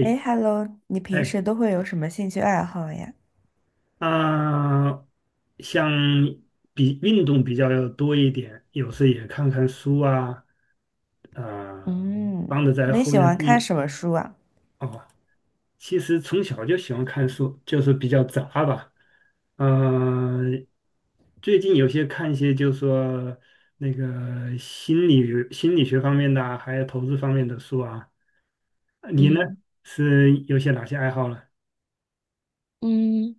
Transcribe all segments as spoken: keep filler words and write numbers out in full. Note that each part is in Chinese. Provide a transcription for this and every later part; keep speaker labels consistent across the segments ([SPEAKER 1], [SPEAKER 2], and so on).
[SPEAKER 1] 哎，Hello，你平
[SPEAKER 2] 哎，
[SPEAKER 1] 时都会有什么兴趣爱好呀？
[SPEAKER 2] 啊、像比运动比较多一点，有时也看看书啊，呃，
[SPEAKER 1] 嗯，
[SPEAKER 2] 帮着在
[SPEAKER 1] 那你
[SPEAKER 2] 后
[SPEAKER 1] 喜
[SPEAKER 2] 院
[SPEAKER 1] 欢
[SPEAKER 2] 种。
[SPEAKER 1] 看什么书啊？
[SPEAKER 2] 哦，其实从小就喜欢看书，就是比较杂吧。嗯、呃最近有些看一些，就是说那个心理心理学方面的啊，还有投资方面的书啊。你呢，
[SPEAKER 1] 嗯
[SPEAKER 2] 是有些哪些爱好呢？
[SPEAKER 1] 嗯，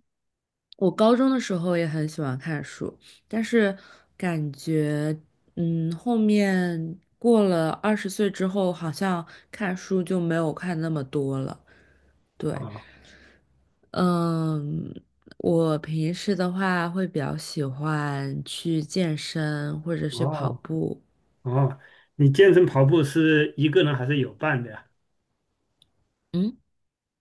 [SPEAKER 1] 我高中的时候也很喜欢看书，但是感觉嗯，后面过了二十岁之后，好像看书就没有看那么多了。对，
[SPEAKER 2] 啊，
[SPEAKER 1] 嗯，我平时的话会比较喜欢去健身或者去跑
[SPEAKER 2] 哦，
[SPEAKER 1] 步。
[SPEAKER 2] 哦，你健身跑步是一个人还是有伴的呀？
[SPEAKER 1] 嗯。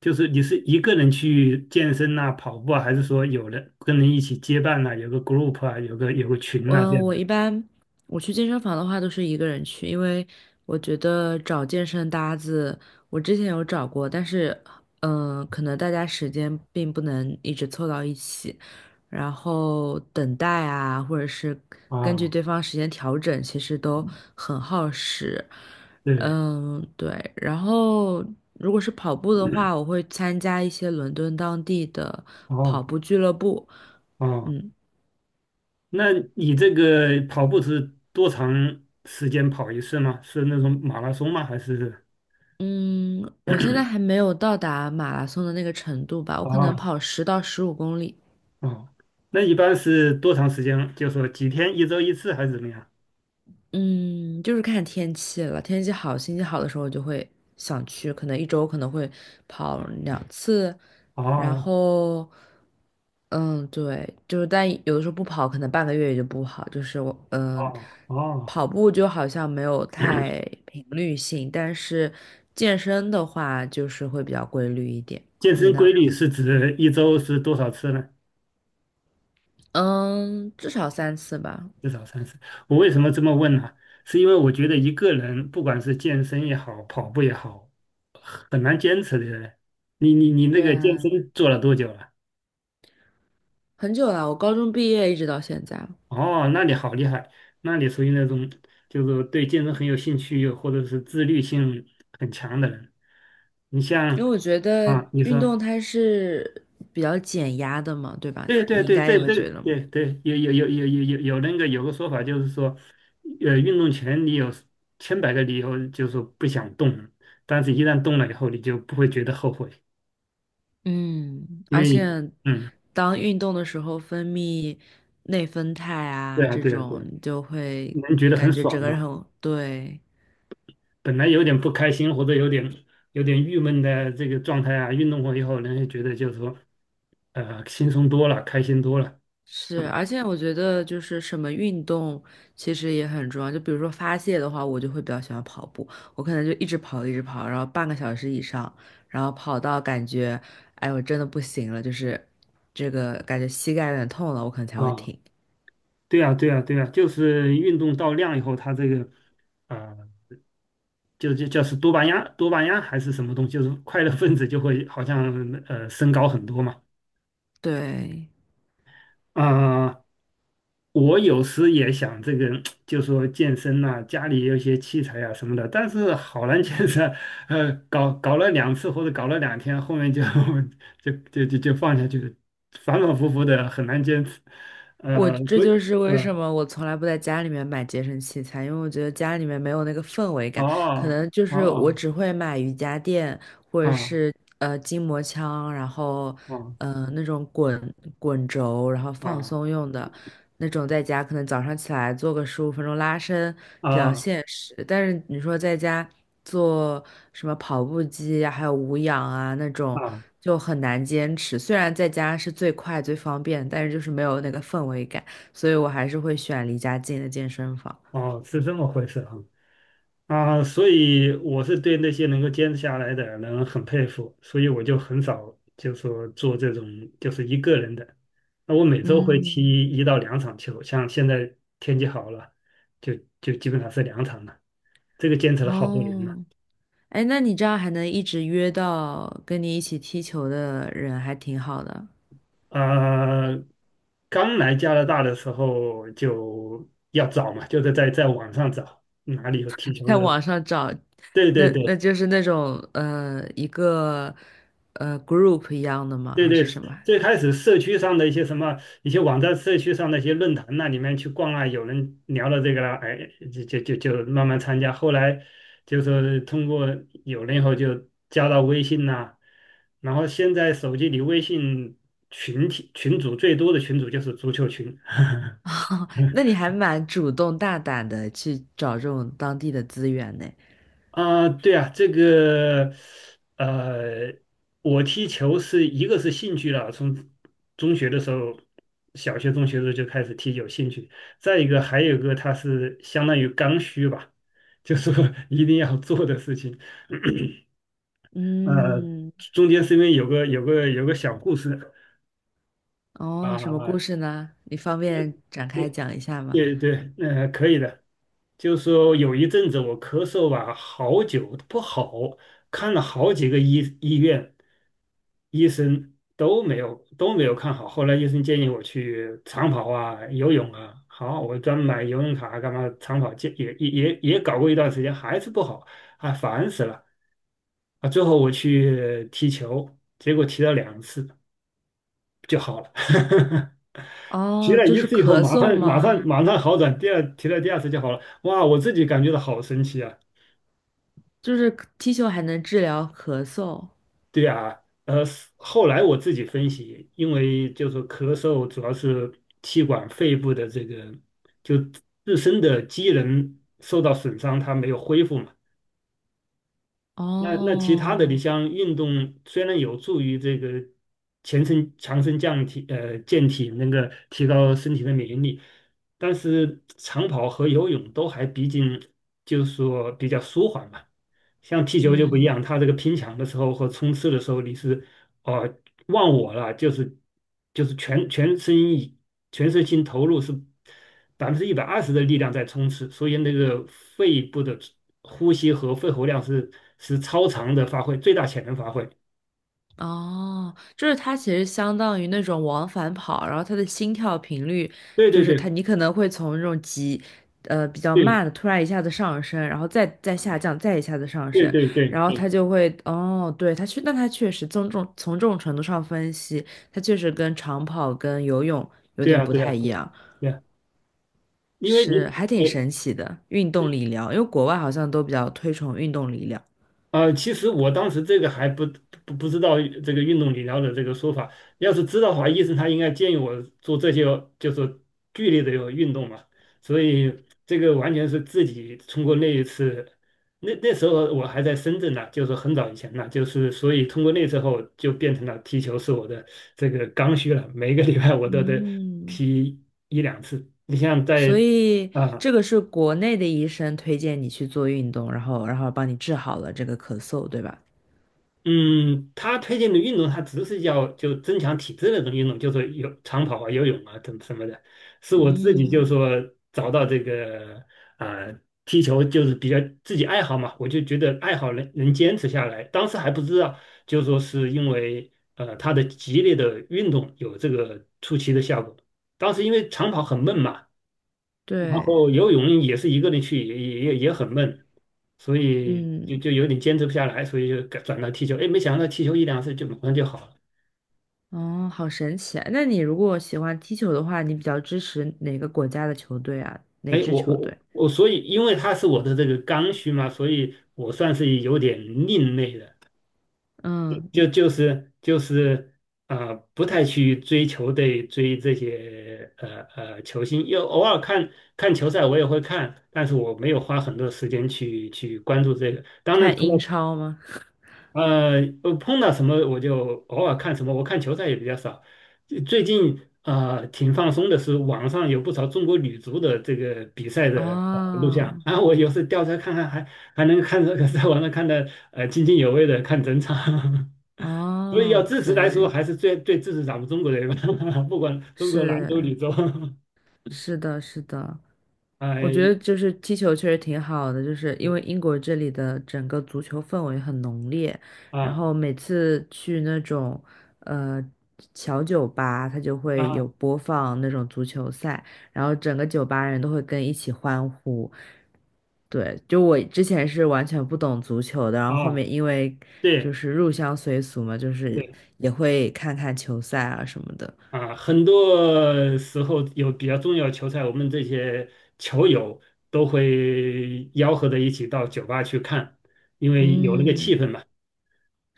[SPEAKER 2] 就是你是一个人去健身呐、跑步啊，还是说有人跟人一起结伴呐、有个 group 啊，有个有个群呐、这
[SPEAKER 1] 嗯，
[SPEAKER 2] 样
[SPEAKER 1] 我
[SPEAKER 2] 的？
[SPEAKER 1] 一般我去健身房的话都是一个人去，因为我觉得找健身搭子，我之前有找过，但是嗯、呃可能大家时间并不能一直凑到一起，然后等待啊，或者是根据
[SPEAKER 2] 啊，
[SPEAKER 1] 对方时间调整，其实都很耗时。
[SPEAKER 2] 对，
[SPEAKER 1] 嗯，对。然后如果是跑步的话，我会参加一些伦敦当地的
[SPEAKER 2] 哦
[SPEAKER 1] 跑步俱乐部。
[SPEAKER 2] 哦，
[SPEAKER 1] 嗯。
[SPEAKER 2] 那你这个跑步是多长时间跑一次吗？是那种马拉松吗？还是
[SPEAKER 1] 嗯，我现在还没有到达马拉松的那个程度吧，我可能
[SPEAKER 2] 啊
[SPEAKER 1] 跑十到十五公里。
[SPEAKER 2] 哦，那一般是多长时间？就说几天，一周一次还是怎么样？
[SPEAKER 1] 嗯，就是看天气了，天气好、心情好的时候，我就会想去，可能一周可能会跑两次，
[SPEAKER 2] 哦
[SPEAKER 1] 然后，嗯，对，就是但有的时候不跑，可能半个月也就不好。就是我，嗯，
[SPEAKER 2] 哦哦
[SPEAKER 1] 跑步就好像没有太频率性，但是健身的话就是会比较规律一点。
[SPEAKER 2] 健
[SPEAKER 1] 你
[SPEAKER 2] 身
[SPEAKER 1] 呢？
[SPEAKER 2] 规律是指一周是多少次呢？
[SPEAKER 1] 嗯，至少三次吧。
[SPEAKER 2] 至少三次。我为什么这么问呢？是因为我觉得一个人不管是健身也好，跑步也好，很难坚持的。你你你那
[SPEAKER 1] 对
[SPEAKER 2] 个健
[SPEAKER 1] 啊，
[SPEAKER 2] 身做了多久了？
[SPEAKER 1] 很久了，我高中毕业一直到现在，
[SPEAKER 2] 哦，那你好厉害，那你属于那种就是对健身很有兴趣，或者是自律性很强的人。你
[SPEAKER 1] 因
[SPEAKER 2] 像
[SPEAKER 1] 为我觉得
[SPEAKER 2] 啊，你
[SPEAKER 1] 运
[SPEAKER 2] 说
[SPEAKER 1] 动它是比较减压的嘛，对吧？
[SPEAKER 2] 对对
[SPEAKER 1] 你应
[SPEAKER 2] 对，
[SPEAKER 1] 该也
[SPEAKER 2] 这
[SPEAKER 1] 会
[SPEAKER 2] 这
[SPEAKER 1] 觉得，
[SPEAKER 2] 对对有有有有有有有那个有个说法就是说，呃，运动前你有千百个理由就是说不想动，但是一旦动了以后，你就不会觉得后悔，
[SPEAKER 1] 嗯，
[SPEAKER 2] 因
[SPEAKER 1] 而
[SPEAKER 2] 为
[SPEAKER 1] 且
[SPEAKER 2] 嗯，
[SPEAKER 1] 当运动的时候分泌内啡肽
[SPEAKER 2] 对
[SPEAKER 1] 啊，
[SPEAKER 2] 啊
[SPEAKER 1] 这
[SPEAKER 2] 对啊对
[SPEAKER 1] 种
[SPEAKER 2] 啊，
[SPEAKER 1] 你就会
[SPEAKER 2] 能觉得很
[SPEAKER 1] 感觉整
[SPEAKER 2] 爽
[SPEAKER 1] 个人
[SPEAKER 2] 嘛。
[SPEAKER 1] 很，对，
[SPEAKER 2] 本来有点不开心或者有点有点郁闷的这个状态啊，运动过以后，人家觉得就是说呃轻松多了，开心多了
[SPEAKER 1] 是，而且我觉得就是什么运动其实也很重要。就比如说发泄的话，我就会比较喜欢跑步，我可能就一直跑，一直跑，然后半个小时以上，然后跑到感觉，哎，我真的不行了，就是这个感觉膝盖有点痛了，我可能才会
[SPEAKER 2] 啊。
[SPEAKER 1] 停。
[SPEAKER 2] 对啊对啊对啊，就是运动到量以后，它这个。啊、就就就是多巴胺多巴胺还是什么东西，就是快乐分子就会好像呃升高很多嘛。
[SPEAKER 1] 对，
[SPEAKER 2] 啊、我有时也想这个，就说健身呐、家里也有一些器材啊什么的，但是好难坚持。呃，搞搞了两次或者搞了两天，后面就 就就就就放下去了，反反复复的很难坚持。
[SPEAKER 1] 我
[SPEAKER 2] 呃，
[SPEAKER 1] 这
[SPEAKER 2] 所以
[SPEAKER 1] 就是为什
[SPEAKER 2] 呃，
[SPEAKER 1] 么我从来不在家里面买健身器材，因为我觉得家里面没有那个氛围感，可
[SPEAKER 2] 哦
[SPEAKER 1] 能就是我
[SPEAKER 2] 哦
[SPEAKER 1] 只会买瑜伽垫或者
[SPEAKER 2] 啊
[SPEAKER 1] 是呃筋膜枪，然后
[SPEAKER 2] 啊
[SPEAKER 1] 呃那种滚滚轴，然后放
[SPEAKER 2] 啊
[SPEAKER 1] 松用的。那种在家可能早上起来做个十五分钟拉伸比较
[SPEAKER 2] 啊
[SPEAKER 1] 现实，但是你说在家做什么跑步机呀，还有无氧啊那种
[SPEAKER 2] 啊
[SPEAKER 1] 就很难坚持。虽然在家是最快最方便，但是就是没有那个氛围感，所以我还是会选离家近的健身房。
[SPEAKER 2] 哦，是这么回事啊。啊，所以我是对那些能够坚持下来的人很佩服，所以我就很少就说做这种就是一个人的。那我每周会
[SPEAKER 1] 嗯，
[SPEAKER 2] 踢一到两场球，像现在天气好了，就就基本上是两场了。这个坚持了好多年了。
[SPEAKER 1] 哦，哎，那你这样还能一直约到跟你一起踢球的人，还挺好的。
[SPEAKER 2] 啊，刚来加拿大的时候就要找嘛，就是在在网上找哪里有踢球
[SPEAKER 1] 在
[SPEAKER 2] 的。
[SPEAKER 1] 网上找，
[SPEAKER 2] 对
[SPEAKER 1] 那
[SPEAKER 2] 对
[SPEAKER 1] 那
[SPEAKER 2] 对，
[SPEAKER 1] 就是那种呃一个呃 group 一样的吗？
[SPEAKER 2] 对
[SPEAKER 1] 还
[SPEAKER 2] 对，
[SPEAKER 1] 是什么？
[SPEAKER 2] 最开始社区上的一些什么一些网站、社区上的一些论坛那里面去逛啊，有人聊了这个了，哎，就就就就慢慢参加。后来就是通过有了以后就加到微信呐、然后现在手机里微信群体群组最多的群组就是足球群，
[SPEAKER 1] 哦，那你还蛮主动大胆的去找这种当地的资源呢。
[SPEAKER 2] 啊，对啊，这个，呃，我踢球是一个是兴趣了，从中学的时候，小学、中学的时候就开始踢，有兴趣。再一个，还有一个，它是相当于刚需吧，就是说 一定要做的事情。呃，
[SPEAKER 1] 嗯，
[SPEAKER 2] 中间是因为有个有个有个小故事
[SPEAKER 1] 哦，什么故
[SPEAKER 2] 啊，
[SPEAKER 1] 事呢？你方便展开
[SPEAKER 2] 对
[SPEAKER 1] 讲一下吗？
[SPEAKER 2] 对对，呃，可以的。就说有一阵子我咳嗽吧，好久不好，看了好几个医医院，医生都没有都没有看好。后来医生建议我去长跑啊、游泳啊。好，我专门买游泳卡干嘛？长跑健也也也也搞过一段时间，还是不好，啊，烦死了啊！最后我去踢球，结果踢了两次就好了。提
[SPEAKER 1] 哦，
[SPEAKER 2] 了
[SPEAKER 1] 就
[SPEAKER 2] 一
[SPEAKER 1] 是
[SPEAKER 2] 次以后，
[SPEAKER 1] 咳
[SPEAKER 2] 马
[SPEAKER 1] 嗽
[SPEAKER 2] 上马上
[SPEAKER 1] 吗？
[SPEAKER 2] 马上好转，第二踢了第二次就好了。哇，我自己感觉到好神奇啊！
[SPEAKER 1] 就是踢球还能治疗咳嗽？
[SPEAKER 2] 对啊，呃，后来我自己分析，因为就是咳嗽主要是气管肺部的这个就自身的机能受到损伤，它没有恢复嘛。那那其他的，你
[SPEAKER 1] 哦，
[SPEAKER 2] 像运动，虽然有助于这个全身强身降体，呃，健体，那个提高身体的免疫力，但是长跑和游泳都还毕竟就是说比较舒缓嘛。像踢球就不一
[SPEAKER 1] 嗯。
[SPEAKER 2] 样，它这个拼抢的时候和冲刺的时候，你是哦，忘我了，就是就是全全身以全身心投入是百分之一百二十的力量在冲刺，所以那个肺部的呼吸和肺活量是是超常的发挥，最大潜能发挥。
[SPEAKER 1] 哦，就是它其实相当于那种往返跑，然后它的心跳频率
[SPEAKER 2] 对
[SPEAKER 1] 就
[SPEAKER 2] 对
[SPEAKER 1] 是它，
[SPEAKER 2] 对
[SPEAKER 1] 你可能会从那种急，呃，比较
[SPEAKER 2] 对
[SPEAKER 1] 慢的突然一下子上升，然后再再下降，再一下子上
[SPEAKER 2] 对
[SPEAKER 1] 升，
[SPEAKER 2] 对对
[SPEAKER 1] 然后它
[SPEAKER 2] 对
[SPEAKER 1] 就会，哦，对，它确，但它确实从重从这种程度上分析，它确实跟长跑跟游泳有
[SPEAKER 2] 对
[SPEAKER 1] 点
[SPEAKER 2] 啊
[SPEAKER 1] 不
[SPEAKER 2] 对啊
[SPEAKER 1] 太一
[SPEAKER 2] 对啊
[SPEAKER 1] 样，
[SPEAKER 2] 对啊，因为你
[SPEAKER 1] 是还挺
[SPEAKER 2] 呃。
[SPEAKER 1] 神奇的运动理疗，因为国外好像都比较推崇运动理疗。
[SPEAKER 2] 呃，其实我当时这个还不不不知道这个运动理疗的这个说法。要是知道的话，医生他应该建议我做这些就是剧烈的运动嘛。所以这个完全是自己通过那一次，那那时候我还在深圳呢，就是很早以前呢，就是所以通过那时候就变成了踢球是我的这个刚需了，每个礼拜我都得
[SPEAKER 1] 嗯，
[SPEAKER 2] 踢一两次。你像
[SPEAKER 1] 所
[SPEAKER 2] 在
[SPEAKER 1] 以
[SPEAKER 2] 啊。
[SPEAKER 1] 这个是国内的医生推荐你去做运动，然后然后帮你治好了这个咳嗽，对吧？
[SPEAKER 2] 嗯，他推荐的运动，他只是要就增强体质那种运动，就是有长跑啊、游泳啊等什么的。是我自己就
[SPEAKER 1] 嗯，
[SPEAKER 2] 说找到这个啊、踢球就是比较自己爱好嘛，我就觉得爱好能能坚持下来。当时还不知道，就说是因为呃他的激烈的运动有这个出奇的效果。当时因为长跑很闷嘛，然
[SPEAKER 1] 对，
[SPEAKER 2] 后游泳也是一个人去，也也也也很闷，所以
[SPEAKER 1] 嗯，
[SPEAKER 2] 就就有点坚持不下来，所以就改转到踢球。哎，没想到踢球一两次就马上就好了。
[SPEAKER 1] 哦，好神奇啊！那你如果喜欢踢球的话，你比较支持哪个国家的球队啊？哪
[SPEAKER 2] 哎，
[SPEAKER 1] 支
[SPEAKER 2] 我
[SPEAKER 1] 球
[SPEAKER 2] 我
[SPEAKER 1] 队？
[SPEAKER 2] 我，所以因为他是我的这个刚需嘛，所以我算是有点另类的，
[SPEAKER 1] 嗯，
[SPEAKER 2] 就
[SPEAKER 1] 你
[SPEAKER 2] 就是就是啊、呃不太去追求对追这些呃呃球星，又偶尔看看球赛我也会看，但是我没有花很多时间去去关注这个。当然，
[SPEAKER 1] 看
[SPEAKER 2] 除
[SPEAKER 1] 英
[SPEAKER 2] 了
[SPEAKER 1] 超吗？
[SPEAKER 2] 呃，呃碰到什么我就偶尔看什么，我看球赛也比较少。最最近啊、呃挺放松的是，网上有不少中国女足的这个比赛的呃录像，
[SPEAKER 1] 哦，
[SPEAKER 2] 然后我有时调出来看看还，还能看这个 在网上看的呃津津有味的看整场。所以要
[SPEAKER 1] 哦，
[SPEAKER 2] 支持
[SPEAKER 1] 可
[SPEAKER 2] 来说，
[SPEAKER 1] 以，
[SPEAKER 2] 还是最最支持咱们中国人吧，不管中国男足、女
[SPEAKER 1] 是，
[SPEAKER 2] 足，
[SPEAKER 1] 是的，是的。我觉
[SPEAKER 2] 哎，
[SPEAKER 1] 得就是踢球确实挺好的，就是因为
[SPEAKER 2] 对
[SPEAKER 1] 英国这里的整个足球氛围很浓烈，然
[SPEAKER 2] 啊
[SPEAKER 1] 后每次去那种呃小酒吧，它就会
[SPEAKER 2] 啊
[SPEAKER 1] 有播放那种足球赛，然后整个酒吧人都会跟一起欢呼。对，就我之前是完全不懂足球的，然后后
[SPEAKER 2] 啊，
[SPEAKER 1] 面因为就
[SPEAKER 2] 对。
[SPEAKER 1] 是入乡随俗嘛，就是
[SPEAKER 2] 对
[SPEAKER 1] 也会看看球赛啊什么的。
[SPEAKER 2] 啊，很多时候有比较重要的球赛，我们这些球友都会吆喝着一起到酒吧去看，因为有那个气
[SPEAKER 1] 嗯，
[SPEAKER 2] 氛嘛。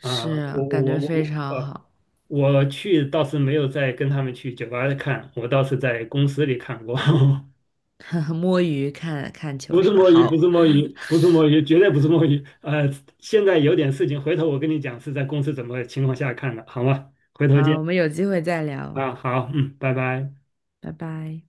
[SPEAKER 2] 啊，我
[SPEAKER 1] 感
[SPEAKER 2] 我
[SPEAKER 1] 觉
[SPEAKER 2] 我
[SPEAKER 1] 非
[SPEAKER 2] 我我
[SPEAKER 1] 常
[SPEAKER 2] 呃，
[SPEAKER 1] 好。
[SPEAKER 2] 我去倒是没有再跟他们去酒吧看，我倒是在公司里看过。
[SPEAKER 1] 摸鱼看看球
[SPEAKER 2] 不是
[SPEAKER 1] 是吧？
[SPEAKER 2] 摸鱼，不是
[SPEAKER 1] 好，
[SPEAKER 2] 摸鱼，不是摸鱼，绝对不是摸鱼。呃，现在有点事情，回头我跟你讲是在公司怎么情况下看的，好吗？回头
[SPEAKER 1] 好，
[SPEAKER 2] 见
[SPEAKER 1] 我们有机会再聊，
[SPEAKER 2] 啊，好，嗯，拜拜。
[SPEAKER 1] 拜拜。